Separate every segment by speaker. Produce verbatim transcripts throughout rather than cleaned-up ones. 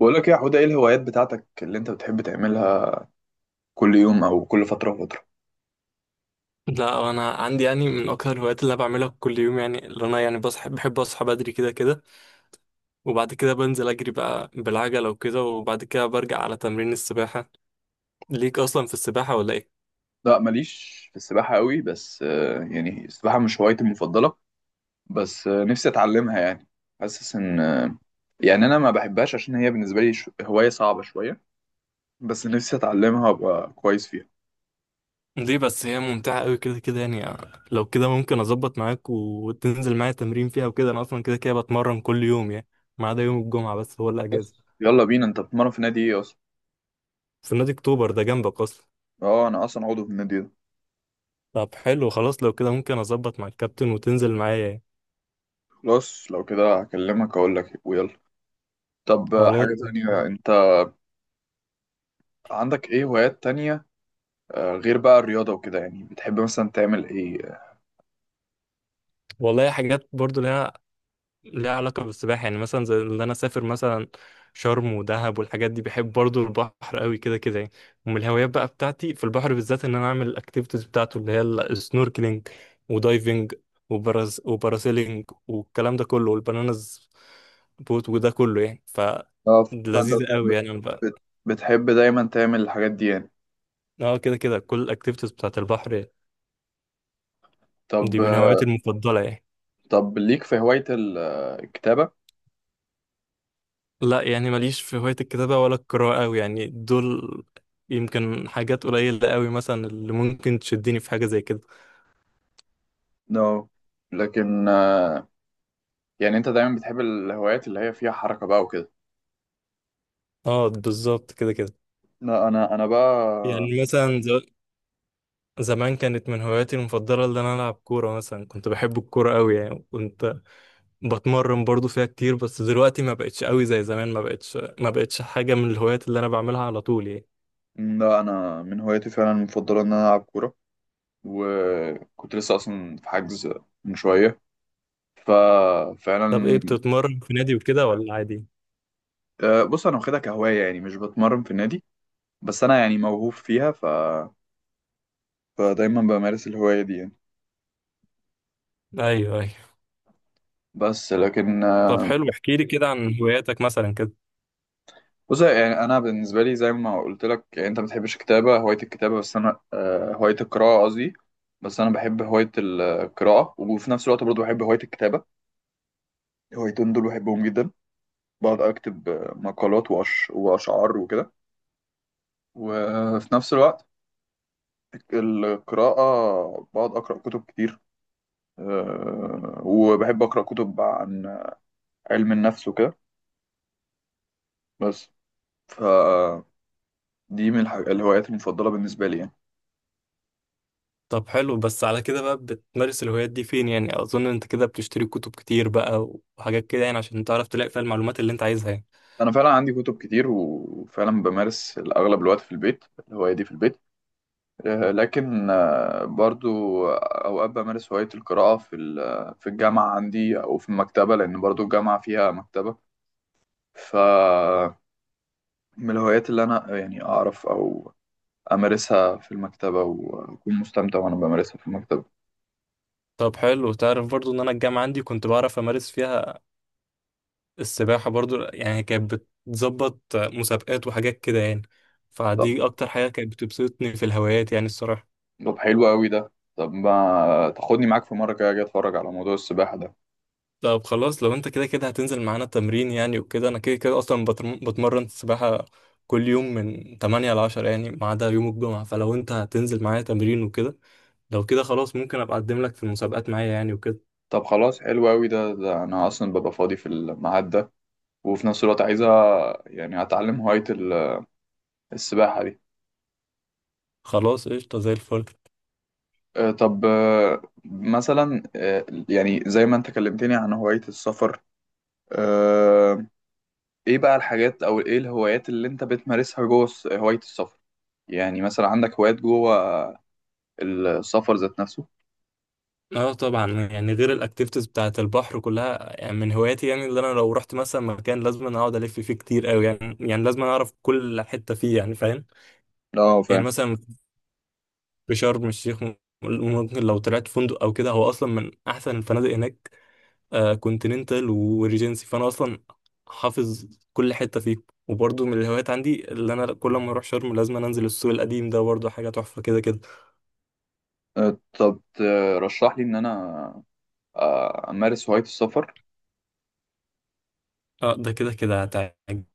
Speaker 1: بقول لك إيه، يا حوده، ايه الهوايات بتاعتك اللي انت بتحب تعملها كل يوم او كل فتره وفتره؟
Speaker 2: لا انا عندي يعني من اكتر الهوايات اللي انا بعملها كل يوم. يعني اللي انا يعني بصحى بحب اصحى بدري كده كده، وبعد كده بنزل اجري بقى بالعجله وكده. وبعد كده برجع على تمرين السباحه. ليك اصلا في السباحه ولا ايه؟
Speaker 1: لا، ماليش في السباحه قوي، بس آه، يعني السباحه مش هوايتي المفضله. بس آه، نفسي اتعلمها يعني. حاسس ان آه، يعني انا ما بحبهاش عشان هي بالنسبه لي ش- هوايه صعبه شويه. بس نفسي اتعلمها وابقى كويس فيها.
Speaker 2: ليه بس، هي ممتعه قوي كده كده يعني. آه، لو كده ممكن اظبط معاك وتنزل معايا تمرين فيها وكده. انا اصلا كده كده بتمرن كل يوم يعني، ما عدا يوم الجمعه بس هو
Speaker 1: بس
Speaker 2: الاجازه.
Speaker 1: يلا بينا، انت بتتمرن في نادي ايه اصلا؟
Speaker 2: في نادي اكتوبر ده جنبك اصلا.
Speaker 1: اه، انا اصلا عضو في النادي ده.
Speaker 2: طب حلو خلاص، لو كده ممكن اظبط مع الكابتن وتنزل معايا يعني.
Speaker 1: خلاص، لو كده هكلمك اقول لك إيه، ويلا. طب، آه،
Speaker 2: خلاص.
Speaker 1: حاجه تانية، انت عندك ايه هوايات تانية؟ آه، غير بقى الرياضة وكده، يعني بتحب مثلا تعمل ايه؟
Speaker 2: والله، حاجات برضو ليها، ليها علاقة بالسباحة يعني. مثلا زي اللي أنا أسافر مثلا شرم ودهب والحاجات دي، بحب برضو البحر قوي كده كده يعني. ومن الهوايات بقى بتاعتي في البحر بالذات إن أنا أعمل الأكتيفيتيز بتاعته اللي هي السنوركلينج ودايفنج وبراز وباراسيلينج والكلام ده كله والبنانز بوت وده كله يعني. ف
Speaker 1: اه، ف- فانت
Speaker 2: لذيذة
Speaker 1: بتح-
Speaker 2: قوي
Speaker 1: بت-
Speaker 2: يعني، أنا بقى.
Speaker 1: بت- بتحب دايما تعمل الحاجات دي يعني؟
Speaker 2: اه، كده كده كل الأكتيفيتيز بتاعت البحر
Speaker 1: طب،
Speaker 2: دي من هواياتي
Speaker 1: آه،
Speaker 2: المفضلة يعني.
Speaker 1: طب، ليك في هواية ال- آه، الكتابة؟
Speaker 2: لا، يعني ماليش في هواية الكتابة ولا القراءة أوي يعني. دول يمكن حاجات قليلة أوي، مثلا اللي ممكن تشدني في حاجة زي كده.
Speaker 1: نو. لكن، آه، يعني انت دايما بتحب الهوايات اللي هي فيها حركة بقى وكده.
Speaker 2: اه، بالظبط كده كده.
Speaker 1: لا، انا انا بقى.
Speaker 2: يعني مثلا ز- زمان كانت من هواياتي المفضلة اللي أنا ألعب كورة مثلا. كنت بحب الكورة أوي يعني، كنت بتمرن برضو فيها كتير، بس دلوقتي ما بقتش أوي زي زمان، ما بقتش ما بقتش حاجة من الهوايات اللي أنا بعملها على طول يعني.
Speaker 1: لا، انا من هواياتي فعلا المفضلة ان انا العب كورة، وكنت لسه اصلا في حجز من شوية،
Speaker 2: طب إيه،
Speaker 1: ففعلا.
Speaker 2: بتتمرن في نادي وكده ولا عادي؟
Speaker 1: آه، بص، انا واخدها كهواية يعني مش بتمرن في النادي، بس انا يعني موهوب فيها. ف فدايما بمارس الهواية دي يعني.
Speaker 2: أيوه أيوه.
Speaker 1: بس لكن،
Speaker 2: طب
Speaker 1: آه،
Speaker 2: حلو، احكيلي كده عن هواياتك مثلا كده.
Speaker 1: بص، يعني أنا بالنسبة لي زي ما قلت لك، يعني أنت ما بتحبش الكتابة، هواية الكتابة. بس أنا آه، هواية القراءة قصدي. بس أنا بحب هواية القراءة، وفي نفس الوقت برضه بحب هواية الكتابة. الهوايتين دول بحبهم جدا. بقعد أكتب آه، مقالات وأش... وأشعار وكده، وفي نفس الوقت القراءة بقعد أقرأ كتب كتير. آه، وبحب أقرأ كتب عن علم النفس وكده. بس، ف دي من الح- الهوايات المفضلة بالنسبة لي يعني.
Speaker 2: طب حلو، بس على كده بقى بتمارس الهوايات دي فين يعني؟ اظن انت كده بتشتري كتب كتير بقى وحاجات كده يعني، عشان تعرف تلاقي فيها المعلومات اللي انت عايزها يعني.
Speaker 1: أنا فعلا عندي كتب كتير، وفعلا بمارس الأغلب الوقت في البيت، الهواية دي في البيت. آه، لكن، آه، برضو أوقات بمارس هواية القراءة في ال- في الجامعة عندي أو في المكتبة، لأن برضو الجامعة فيها مكتبة. ف من الهوايات اللي أنا يعني أعرف أو أمارسها في المكتبة، وأكون مستمتع وأنا بمارسها في المكتبة.
Speaker 2: طب حلو، تعرف برضو ان انا الجامعة عندي كنت بعرف امارس فيها السباحة برضو يعني. كانت بتظبط مسابقات وحاجات كده يعني،
Speaker 1: طب،
Speaker 2: فدي اكتر حاجة كانت بتبسطني في الهوايات يعني الصراحة.
Speaker 1: طب حلو أوي ده. طب، ما تاخدني معاك في مرة كده أجي أتفرج على موضوع السباحة ده.
Speaker 2: طب خلاص، لو انت كده كده هتنزل معانا تمرين يعني وكده، انا كده كده اصلا بترم- بتمرن سباحة كل يوم من تمانية ل عشرة يعني، ما عدا يوم الجمعة. فلو انت هتنزل معايا تمرين وكده، لو كده خلاص ممكن ابقى اقدم لك في المسابقات معايا يعني وكده.
Speaker 1: طب خلاص، حلو أوي ده، ده أنا أصلا ببقى فاضي في الميعاد ده، وفي نفس الوقت عايزة يعني أتعلم هواية ال- السباحة دي.
Speaker 2: خلاص، قشطة زي الفل.
Speaker 1: آه، طب، آه، مثلا آه، يعني زي ما أنت كلمتني عن هواية السفر. آه، إيه بقى الحاجات أو إيه الهوايات اللي أنت بتمارسها جوه الس- هواية السفر؟ يعني مثلا عندك هوايات جوه السفر ذات نفسه؟
Speaker 2: اه طبعا. يعني غير الاكتيفيتيز بتاعه البحر كلها يعني، من هواياتي يعني، اللي انا لو رحت مثلا مكان لازم أنا اقعد الف فيه كتير قوي يعني. يعني لازم أنا اعرف كل حته فيه يعني، فاهم؟
Speaker 1: اه،
Speaker 2: يعني
Speaker 1: فاهم.
Speaker 2: مثلا في شرم الشيخ م- ممكن لو طلعت فندق او كده، هو اصلا من احسن الفنادق هناك. آه كونتيننتال وريجنسي، فانا اصلا حافظ كل حته فيه. وبرضه من الهوايات عندي، اللي انا كل ما اروح شرم لازم أنا انزل السوق القديم ده، برضه حاجه تحفه كده كده.
Speaker 1: آه، طب، ترشح لي إن أنا آه، أمارس هواية السفر؟
Speaker 2: اه، ده كده كده هتعجبك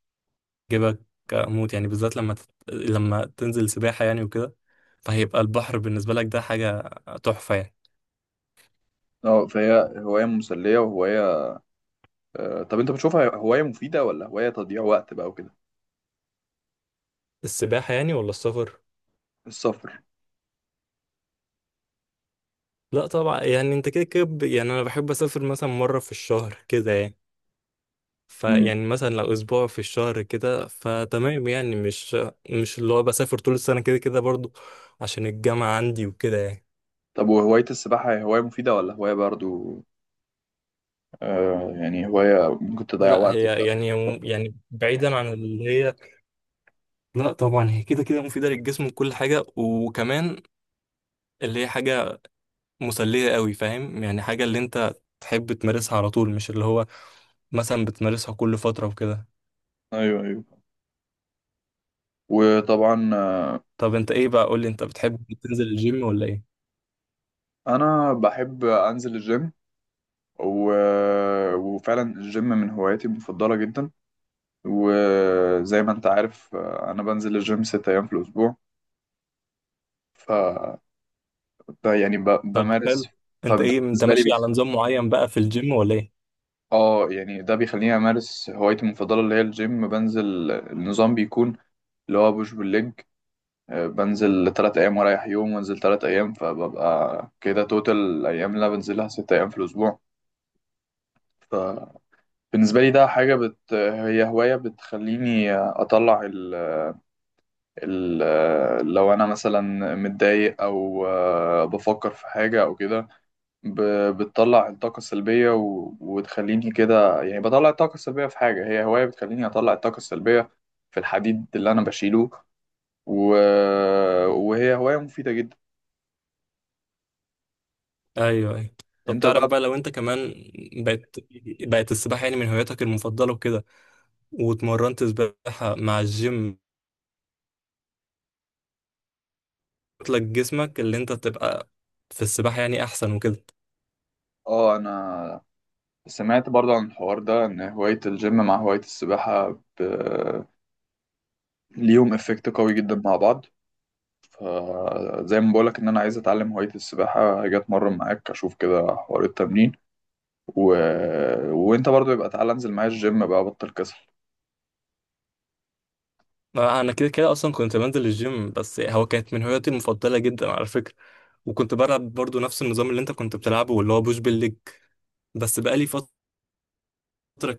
Speaker 2: موت يعني، بالذات لما تت... لما تنزل سباحة يعني وكده، فهيبقى البحر بالنسبة لك ده حاجة تحفة يعني.
Speaker 1: اه، فهي هواية مسلية وهواية. آه، طب، انت بتشوفها هواية مفيدة ولا هواية تضييع وقت بقى وكده؟
Speaker 2: السباحة يعني ولا السفر؟
Speaker 1: السفر.
Speaker 2: لا طبعا يعني، انت كده كده ب- يعني انا بحب اسافر مثلا مرة في الشهر كده يعني.
Speaker 1: امم.
Speaker 2: فيعني مثلا لو اسبوع في الشهر كده فتمام يعني، مش مش اللي هو بسافر طول السنة كده كده برضو، عشان الجامعة عندي وكده يعني.
Speaker 1: طب، وهواية السباحة هي هواية مفيدة ولا هواية برضو آه يعني هواية ممكن تضيع
Speaker 2: لا
Speaker 1: وقتك؟
Speaker 2: هي يعني يعني بعيدا عن اللي هي، لا طبعا، هي كده كده مفيدة للجسم وكل حاجة، وكمان اللي هي حاجة مسلية قوي، فاهم يعني؟ حاجة اللي انت تحب تمارسها على طول، مش اللي هو مثلا بتمارسها كل فترة وكده.
Speaker 1: ايوه، ايوه، وطبعا، آه،
Speaker 2: طب انت ايه بقى، قول لي، انت بتحب تنزل الجيم ولا ايه؟
Speaker 1: انا بحب انزل الجيم و... وفعلا الجيم من هواياتي المفضله جدا. وزي ما انت عارف، آه، انا بنزل الجيم ست ايام في الاسبوع. ف ب- يعني ب...
Speaker 2: طب
Speaker 1: بمارس.
Speaker 2: حلو. انت ايه، انت
Speaker 1: فبالنسبه لي
Speaker 2: ماشي على نظام معين بقى في الجيم ولا ايه؟
Speaker 1: اه، يعني ده بيخليني امارس هوايتي المفضله اللي هي الجيم. بنزل، النظام بيكون اللي هو بوش بالليج. آه، بنزل تلات ايام ورايح يوم وانزل تلات ايام، فببقى كده توتال الايام اللي أنا بنزلها ست ايام في الاسبوع. فبالنسبه لي ده حاجه، بت... هي هوايه بتخليني اطلع ال... ال... لو انا مثلا متضايق او آه، بفكر في حاجه او كده، ب- بتطلع الطاقة السلبية و... وتخليني كده، يعني بطلع الطاقة السلبية في حاجة. هي هواية بتخليني أطلع الطاقة السلبية في الحديد اللي أنا بشيله، و... وهي هواية مفيدة جدا.
Speaker 2: ايوه ايوه. طب
Speaker 1: أنت
Speaker 2: تعرف
Speaker 1: بقى؟
Speaker 2: بقى، لو انت كمان بقت بقت السباحة يعني من هواياتك المفضلة وكده، واتمرنت سباحة مع الجيم، لك جسمك اللي انت تبقى في السباحة يعني احسن وكده.
Speaker 1: آه أنا سمعت برضو عن الحوار ده، إن هواية الجيم مع هواية السباحة ب... ليهم إفكت قوي جدا مع بعض. فزي ما بقولك، إن أنا عايز أتعلم هواية السباحة هاجي أتمرن معاك أشوف كده حوار التمرين. و... وأنت برضو يبقى تعالى أنزل معايا الجيم بقى، بطل كسل.
Speaker 2: ما انا كده كده اصلا كنت بنزل الجيم، بس هو كانت من هواياتي المفضله جدا على فكره. وكنت بلعب برضو نفس النظام اللي انت كنت بتلعبه واللي هو بوش بالليج. بس بقالي فتره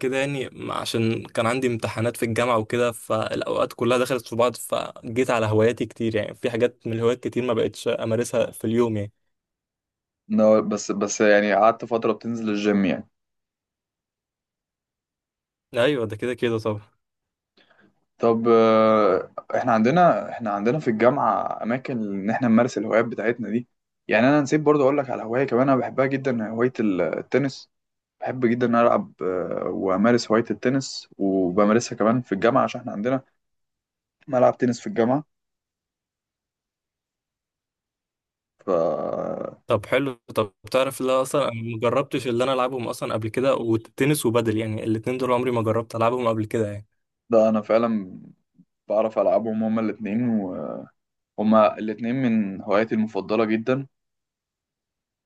Speaker 2: كده يعني، ما- عشان كان عندي امتحانات في الجامعه وكده، فالاوقات كلها دخلت في بعض، فجيت على هواياتي كتير يعني، في حاجات من الهوايات كتير ما بقتش امارسها في اليوم يعني.
Speaker 1: no، بس بس يعني قعدت فترة بتنزل الجيم، يعني.
Speaker 2: ايوه، ده كده كده طبعا.
Speaker 1: طب، آه، احنا عندنا احنا عندنا في الجامعة أماكن إن احنا نمارس الهوايات بتاعتنا دي. يعني أنا نسيت برضه أقول لك على هواية كمان أنا بحبها جدا، هواية ال- التنس. بحب جدا إن أنا ألعب، آه، وأمارس هواية التنس وبمارسها كمان في الجامعة عشان احنا عندنا ملعب تنس في الجامعة. ف
Speaker 2: طب حلو. طب تعرف، لا اصلا انا ما جربتش اللي انا العبهم اصلا قبل كده، والتنس وبادل يعني، الاتنين دول عمري ما جربت العبهم قبل كده يعني.
Speaker 1: ده أنا فعلا بعرف ألعبهم هما الاتنين، وهما الاتنين من هواياتي المفضلة جدا.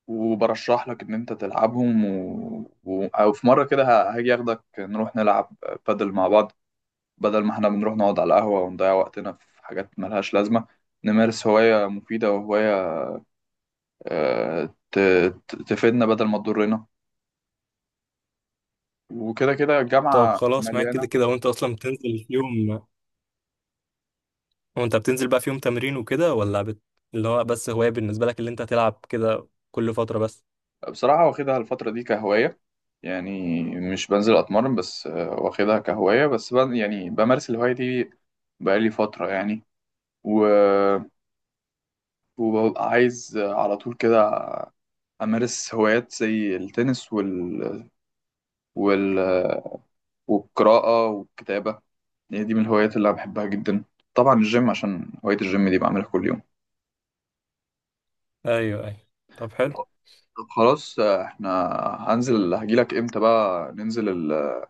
Speaker 1: وبرشح لك ان انت تلعبهم، و... و... او في مره كده ه- هاجي اخدك نروح نلعب بادل مع بعض، بدل ما احنا بنروح نقعد على القهوه ونضيع وقتنا في حاجات ملهاش لازمه. نمارس هوايه مفيده وهوايه آه، ت... ت- تفيدنا بدل ما تضرنا، وكده كده
Speaker 2: طب
Speaker 1: الجامعه
Speaker 2: خلاص، معاك
Speaker 1: مليانه.
Speaker 2: كده كده، وانت اصلا بتنزل في يوم، وانت بتنزل بقى في يوم تمرين وكده، ولا بت... اللي هو بس هواية بالنسبة لك، اللي انت تلعب كده كل فترة بس؟
Speaker 1: بصراحه واخدها الفتره دي كهوايه يعني، مش بنزل اتمرن، بس آه، واخدها كهوايه بس، بن... يعني بمارس الهوايه دي. بقالي فتره يعني، و... وببقى عايز على طول كده أمارس هوايات زي التنس وال... وال... والقراءة والكتابة. هي دي من الهوايات اللي أنا بحبها جدا، طبعا الجيم عشان هواية الجيم دي بعملها كل يوم.
Speaker 2: ايوه ايوه. طب حلو
Speaker 1: طب خلاص، احنا هنزل هجيلك امتى بقى ننزل ال...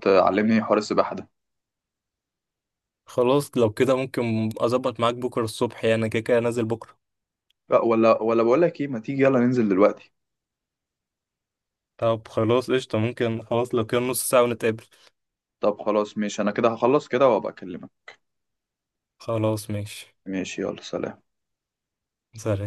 Speaker 1: تعلمني حوار السباحة ده؟
Speaker 2: خلاص، لو كده ممكن اظبط معاك بكرة الصبح يعني، انا كده كده نازل بكرة.
Speaker 1: لا، ولا ولا بقول لك ايه، ما تيجي يلا ننزل دلوقتي.
Speaker 2: طب خلاص قشطة، ممكن خلاص لو كده نص ساعة ونتقابل.
Speaker 1: طب خلاص، ماشي، انا كده هخلص كده وابقى اكلمك.
Speaker 2: خلاص ماشي.
Speaker 1: ماشي، يلا سلام.
Speaker 2: سلام.